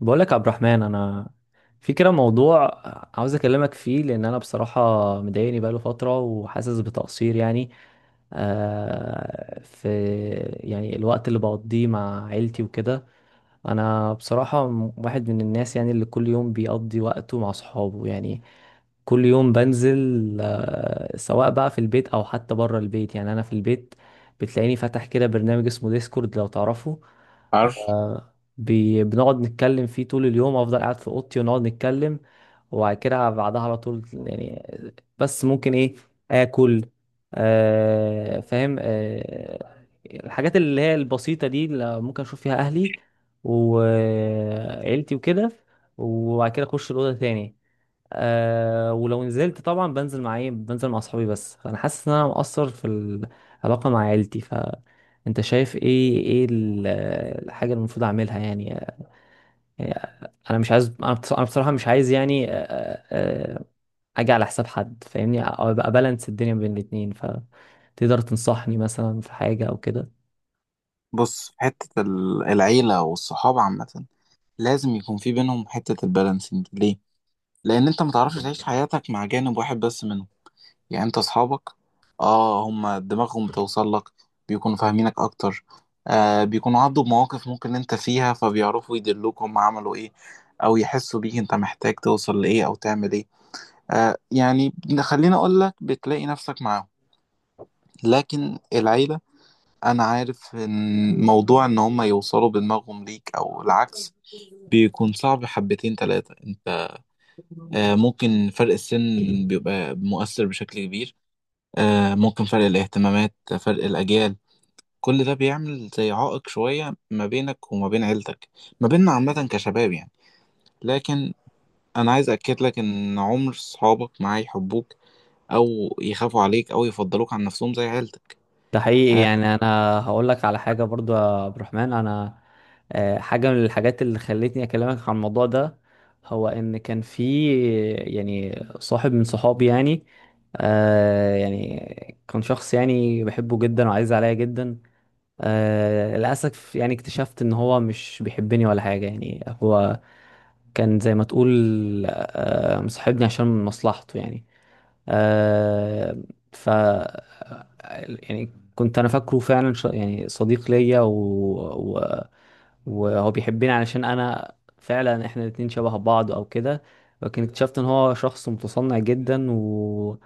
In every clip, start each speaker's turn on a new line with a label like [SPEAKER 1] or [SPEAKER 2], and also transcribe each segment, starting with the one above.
[SPEAKER 1] بقولك يا عبد الرحمن، انا في كده موضوع عاوز اكلمك فيه، لان انا بصراحه مضايقني بقاله فتره وحاسس بتقصير يعني. في يعني الوقت اللي بقضيه مع عيلتي وكده. انا بصراحه واحد من الناس يعني اللي كل يوم بيقضي وقته مع صحابه يعني. كل يوم بنزل، سواء بقى في البيت او حتى بره البيت. يعني انا في البيت بتلاقيني فاتح كده برنامج اسمه ديسكورد، لو تعرفه.
[SPEAKER 2] عارف.
[SPEAKER 1] بنقعد نتكلم فيه طول اليوم، افضل قاعد في اوضتي ونقعد نتكلم، وبعد كده بعدها على طول يعني. بس ممكن ايه، اكل. آه فاهم. آه الحاجات اللي هي البسيطة دي اللي ممكن اشوف فيها اهلي وعيلتي وكده، وبعد كده اخش الاوضة تاني. ولو نزلت، طبعا بنزل مع ايه، بنزل مع اصحابي. بس فانا حاسس ان انا مقصر في العلاقة مع عيلتي. ف انت شايف ايه، الحاجة اللي المفروض اعملها يعني؟ انا مش عايز، انا بصراحه مش عايز يعني اجي على حساب حد، فاهمني؟ او ابقى بالانس الدنيا بين الاتنين. فتقدر تنصحني مثلا في حاجه او كده؟
[SPEAKER 2] بص، حتة العيلة والصحاب عامة لازم يكون في بينهم حتة البالانسنج. ليه؟ لأن أنت متعرفش تعيش حياتك مع جانب واحد بس منهم. يعني أنت أصحابك آه هما دماغهم بتوصل لك، بيكونوا فاهمينك أكتر، آه بيكونوا عدوا بمواقف ممكن أنت فيها، فبيعرفوا يدلوك هما عملوا إيه أو يحسوا بيك أنت محتاج توصل لإيه أو تعمل إيه. آه يعني خليني أقولك، بتلاقي نفسك معاهم. لكن العيلة، انا عارف ان موضوع ان هم يوصلوا بدماغهم ليك او العكس بيكون صعب حبتين تلاتة. انت ممكن فرق السن بيبقى مؤثر بشكل كبير. ممكن فرق الاهتمامات، فرق الاجيال، كل ده بيعمل زي عائق شوية ما بينك وما بين عيلتك، ما بيننا عامة كشباب لكن انا عايز اكد لك ان عمر صحابك معاه يحبوك او يخافوا عليك او يفضلوك عن نفسهم زي عيلتك.
[SPEAKER 1] ده حقيقي.
[SPEAKER 2] آه،
[SPEAKER 1] يعني انا هقول لك على حاجه برضو يا عبد الرحمن. انا حاجه من الحاجات اللي خلتني اكلمك عن الموضوع ده، هو ان كان في يعني صاحب من صحابي يعني. يعني كان شخص يعني بحبه جدا وعايز عليا جدا. آه للأسف يعني اكتشفت إن هو مش بيحبني ولا حاجة. يعني هو كان زي ما تقول، مصاحبني عشان مصلحته يعني. آه ف يعني كنت انا فاكره فعلا يعني صديق ليا و... وهو بيحبني، علشان انا فعلا احنا الاتنين شبه بعض او كده. لكن اكتشفت ان هو شخص متصنع جدا، و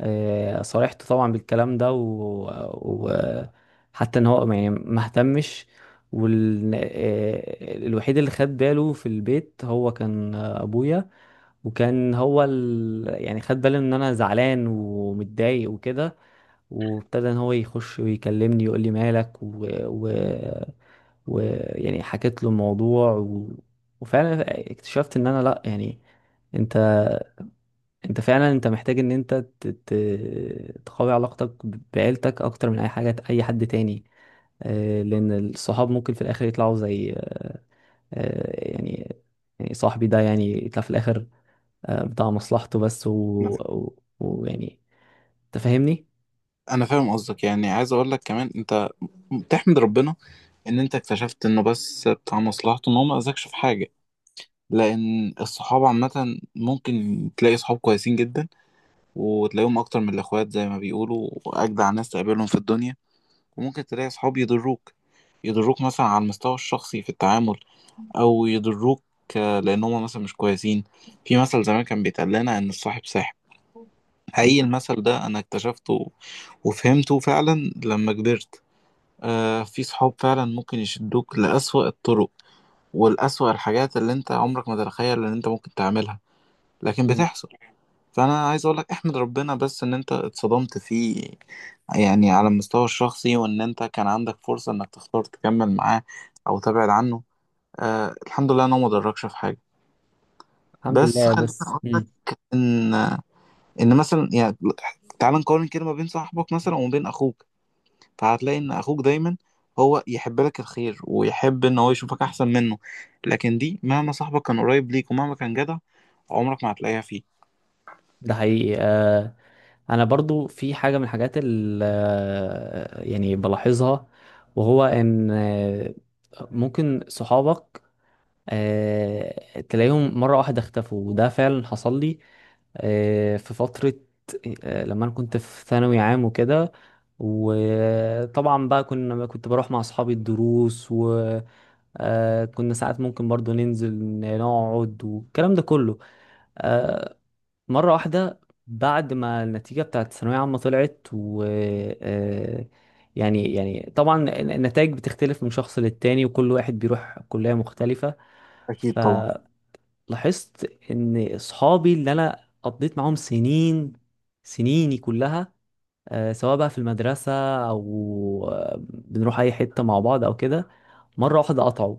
[SPEAKER 1] صارحته طبعا بالكلام ده و... حتى ان هو يعني ما اهتمش. وال... آه، الوحيد اللي خد باله في البيت هو كان ابويا. وكان هو يعني خد باله ان انا زعلان ومتضايق وكده، وابتدى ان هو يخش ويكلمني يقول لي مالك و... يعني حكيت له الموضوع. وفعلا اكتشفت ان انا لا يعني، انت انت فعلا محتاج ان انت تقوي علاقتك بعيلتك اكتر من اي حاجة، اي حد تاني. آه، لان الصحاب ممكن في الاخر يطلعوا زي، آه، يعني يعني صاحبي ده يعني يطلع في الاخر بتاع مصلحته بس. ويعني
[SPEAKER 2] انا
[SPEAKER 1] ويعني، تفهمني.
[SPEAKER 2] انا فاهم قصدك، يعني عايز اقول لك كمان انت تحمد ربنا ان انت اكتشفت انه بس بتاع مصلحته، ان هو ما اذاكش في حاجه. لان الصحاب عامه ممكن تلاقي صحاب كويسين جدا، وتلاقيهم اكتر من الاخوات زي ما بيقولوا، واجدع ناس تقابلهم في الدنيا. وممكن تلاقي صحاب يضروك، يضروك مثلا على المستوى الشخصي في التعامل، او يضروك لان هم مثلا مش كويسين. في مثل زمان كان بيتقال لنا ان الصاحب ساحب. حقيقي المثل ده انا اكتشفته وفهمته فعلا لما كبرت. آه في صحاب فعلا ممكن يشدوك لأسوأ الطرق ولأسوأ الحاجات اللي انت عمرك ما تتخيل ان انت ممكن تعملها، لكن
[SPEAKER 1] مم.
[SPEAKER 2] بتحصل. فانا عايز اقولك احمد ربنا بس ان انت اتصدمت فيه، يعني على المستوى الشخصي، وان انت كان عندك فرصة انك تختار تكمل معاه او تبعد عنه. آه الحمد لله انه ما ضركش في حاجة.
[SPEAKER 1] الحمد
[SPEAKER 2] بس
[SPEAKER 1] لله.
[SPEAKER 2] خليني
[SPEAKER 1] بس
[SPEAKER 2] اقولك
[SPEAKER 1] مم.
[SPEAKER 2] ان مثلا يعني تعال نقارن كده ما بين صاحبك مثلا وما بين اخوك، فهتلاقي ان اخوك دايما هو يحب لك الخير ويحب ان هو يشوفك احسن منه. لكن دي مهما صاحبك كان قريب ليك ومهما كان جدع، عمرك ما هتلاقيها فيه.
[SPEAKER 1] ده حقيقي. آه انا برضو في حاجه من الحاجات اللي يعني بلاحظها، وهو ان ممكن صحابك تلاقيهم مره واحده اختفوا، وده فعلا حصل لي. في فتره، لما انا كنت في ثانوي عام وكده. وطبعا بقى كنت بروح مع اصحابي الدروس. آه كنا ساعات ممكن برضو ننزل نقعد والكلام ده كله. آه مرة واحدة، بعد ما النتيجة بتاعت الثانوية عامة طلعت، و آه يعني طبعا النتائج بتختلف من شخص للتاني، وكل واحد بيروح كلية مختلفة.
[SPEAKER 2] اكيد طبعا.
[SPEAKER 1] فلاحظت ان اصحابي اللي انا قضيت معاهم سنين، سنيني كلها، آه، سواء بقى في المدرسة أو بنروح أي حتة مع بعض أو كده، مرة واحدة قطعوا.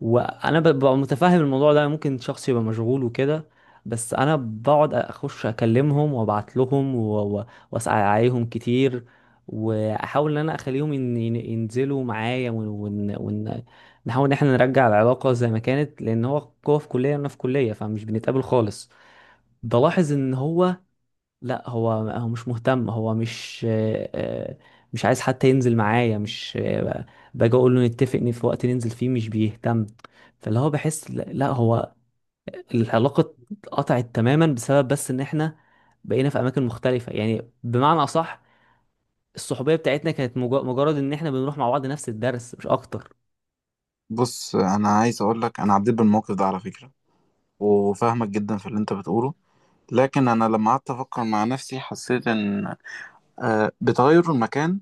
[SPEAKER 1] وأنا ببقى متفهم الموضوع ده، ممكن شخص يبقى مشغول وكده. بس أنا بقعد أخش أكلمهم وأبعت لهم وأسأل عليهم كتير، وأحاول إن أنا أخليهم ينزلوا معايا نحاول إن إحنا نرجع العلاقة زي ما كانت، لأن هو في كلية وأنا في كلية، فمش بنتقابل خالص. بلاحظ إن هو لا، هو مش مهتم. هو مش مش عايز حتى ينزل معايا، مش باجي اقول له نتفق ان في وقت ننزل فيه، مش بيهتم. فاللي هو بحس، لا لا، هو العلاقة اتقطعت تماما، بسبب بس ان احنا بقينا في اماكن مختلفة. يعني بمعنى اصح، الصحوبية بتاعتنا كانت مجرد ان احنا بنروح مع بعض نفس الدرس، مش اكتر.
[SPEAKER 2] بص انا عايز اقول لك، انا عديت بالموقف ده على فكرة وفاهمك جدا في اللي انت بتقوله. لكن انا لما قعدت افكر مع نفسي حسيت ان بتغير المكان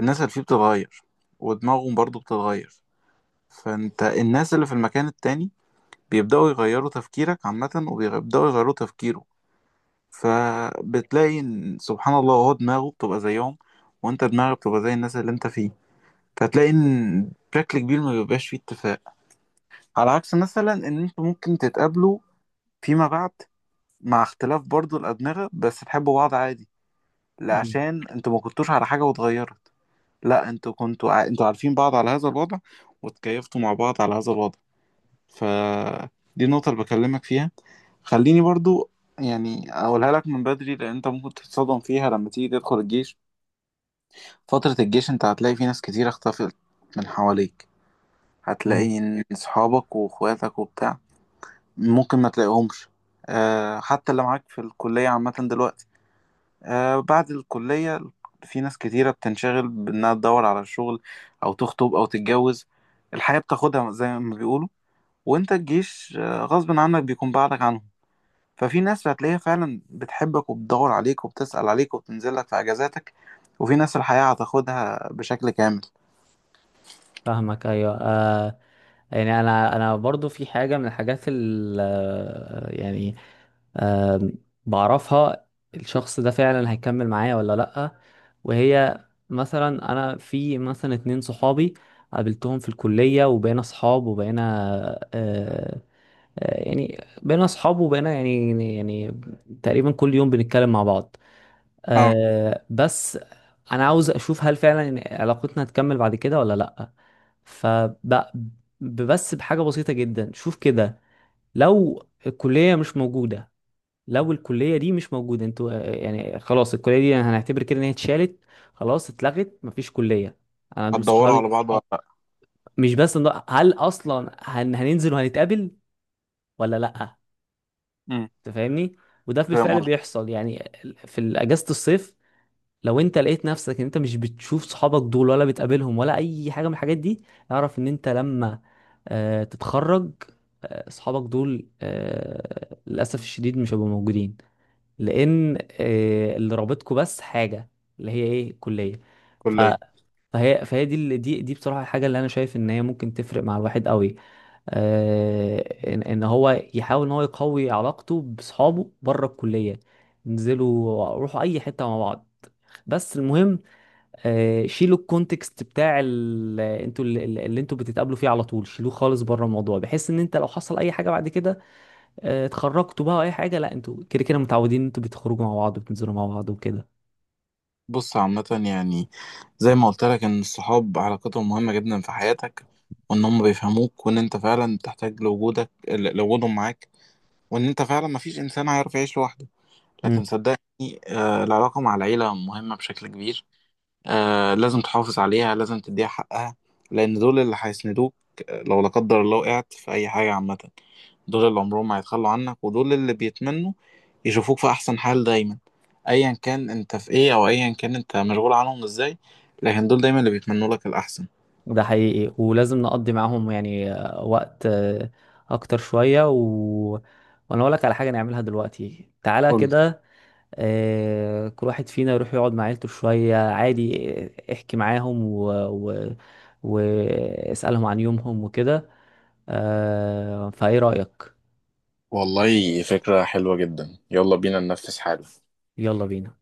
[SPEAKER 2] الناس اللي فيه بتتغير، ودماغهم برضو بتتغير. فانت الناس اللي في المكان التاني بيبدأوا يغيروا تفكيرك عامة، وبيبدأوا يغيروا تفكيره. فبتلاقي إن سبحان الله هو دماغه بتبقى زيهم، وانت دماغك بتبقى زي الناس اللي انت فيه. فتلاقي ان بشكل كبير ما بيبقاش فيه اتفاق، على عكس مثلا ان انتوا ممكن تتقابلوا فيما بعد مع اختلاف برضو الأدمغة بس تحبوا بعض عادي، لا
[SPEAKER 1] مم.
[SPEAKER 2] عشان انتوا ما كنتوش على حاجة واتغيرت. لا انتوا انتوا عارفين بعض على هذا الوضع وتكيفتوا مع بعض على هذا الوضع. ف دي النقطة اللي بكلمك فيها. خليني برضو أقولها لك من بدري، لأن أنت ممكن تتصدم فيها لما تيجي تدخل الجيش. فترة الجيش انت هتلاقي في ناس كتير اختفت من حواليك.
[SPEAKER 1] مم.
[SPEAKER 2] هتلاقي ان صحابك واخواتك وبتاع ممكن ما تلاقيهمش. أه حتى اللي معاك في الكلية عامة دلوقتي، أه بعد الكلية في ناس كتيرة بتنشغل بانها تدور على شغل او تخطب او تتجوز، الحياة بتاخدها زي ما بيقولوا. وانت الجيش غصب عنك بيكون بعدك عنهم. ففي ناس هتلاقيها فعلا بتحبك وبتدور عليك وبتسأل عليك وبتنزل لك في اجازاتك، وفي ناس الحياة هتاخدها بشكل كامل.
[SPEAKER 1] فاهمك. ايوه آه، يعني انا برضو في حاجه من الحاجات ال آه، يعني آم، بعرفها الشخص ده فعلا هيكمل معايا ولا لأ. وهي مثلا، أنا في مثلا اتنين صحابي قابلتهم في الكلية، وبقينا صحاب، وبقينا آه، بقينا صحاب وبقينا تقريبا كل يوم بنتكلم مع بعض.
[SPEAKER 2] اه.
[SPEAKER 1] آه، بس أنا عاوز أشوف هل فعلا إن علاقتنا هتكمل بعد كده ولا لأ. فبس بحاجة بسيطة جدا، شوف كده. لو الكلية مش موجودة، انتوا يعني خلاص، الكلية دي هنعتبر كده ان هي اتشالت، خلاص اتلغت، مفيش كلية. انا دول
[SPEAKER 2] هتدوروا
[SPEAKER 1] صحابي.
[SPEAKER 2] على بعض ولا صح لأ؟
[SPEAKER 1] مش بس هل اصلا هننزل وهنتقابل ولا لا؟
[SPEAKER 2] امم.
[SPEAKER 1] انت فاهمني. وده
[SPEAKER 2] فاهم
[SPEAKER 1] بالفعل
[SPEAKER 2] قصدي.
[SPEAKER 1] بيحصل يعني. في اجازة الصيف، لو انت لقيت نفسك ان انت مش بتشوف صحابك دول، ولا بتقابلهم، ولا اي حاجة من الحاجات دي، اعرف ان انت لما تتخرج، آه، صحابك دول آه، للأسف الشديد مش هيبقوا موجودين. لان آه، اللي رابطكم بس حاجه، اللي هي ايه، الكليه. ف
[SPEAKER 2] كلية.
[SPEAKER 1] فهي فهي دي دي بصراحه الحاجه اللي انا شايف ان هي ممكن تفرق مع الواحد قوي. آه، ان هو يحاول ان هو يقوي علاقته باصحابه بره الكليه، انزلوا روحوا اي حته مع بعض. بس المهم، آه، شيلوا الكونتكست بتاع انتوا اللي انتوا بتتقابلوا فيه على طول، شيلوه خالص بره الموضوع، بحيث ان انت لو حصل اي حاجه بعد كده، آه، اتخرجتوا بقى أو اي حاجه، لا انتوا كده كده متعودين إن انتوا بتخرجوا مع بعض وبتنزلوا مع بعض وكده.
[SPEAKER 2] بص عامة يعني زي ما قلت لك إن الصحاب علاقتهم مهمة جدا في حياتك، وإن هم بيفهموك، وإن أنت فعلا تحتاج لوجودهم معاك، وإن أنت فعلا مفيش إنسان هيعرف يعيش لوحده. لكن
[SPEAKER 1] امم.
[SPEAKER 2] صدقني آه العلاقة مع العيلة مهمة بشكل كبير. آه لازم تحافظ عليها، لازم تديها حقها، لأن دول اللي هيسندوك. لو لا قدر الله وقعت في أي حاجة عامة، دول اللي عمرهم ما هيتخلوا عنك، ودول اللي بيتمنوا يشوفوك في احسن حال دايما. ايا كان انت في ايه او ايا كان انت مشغول عنهم ازاي، لكن دول دايما اللي بيتمنوا لك الاحسن.
[SPEAKER 1] ده حقيقي، ولازم نقضي معاهم يعني آه، وقت آه، اكتر شويه. وانا اقول لك على حاجه نعملها دلوقتي، تعالى
[SPEAKER 2] قول لي.
[SPEAKER 1] كده. آه، كل واحد فينا يروح يقعد مع عيلته شويه عادي، آه، احكي معاهم واسالهم عن يومهم وكده. آه، فايه رايك؟
[SPEAKER 2] والله فكرة حلوة جدا، يلا بينا ننفذ حالا.
[SPEAKER 1] يلا بينا.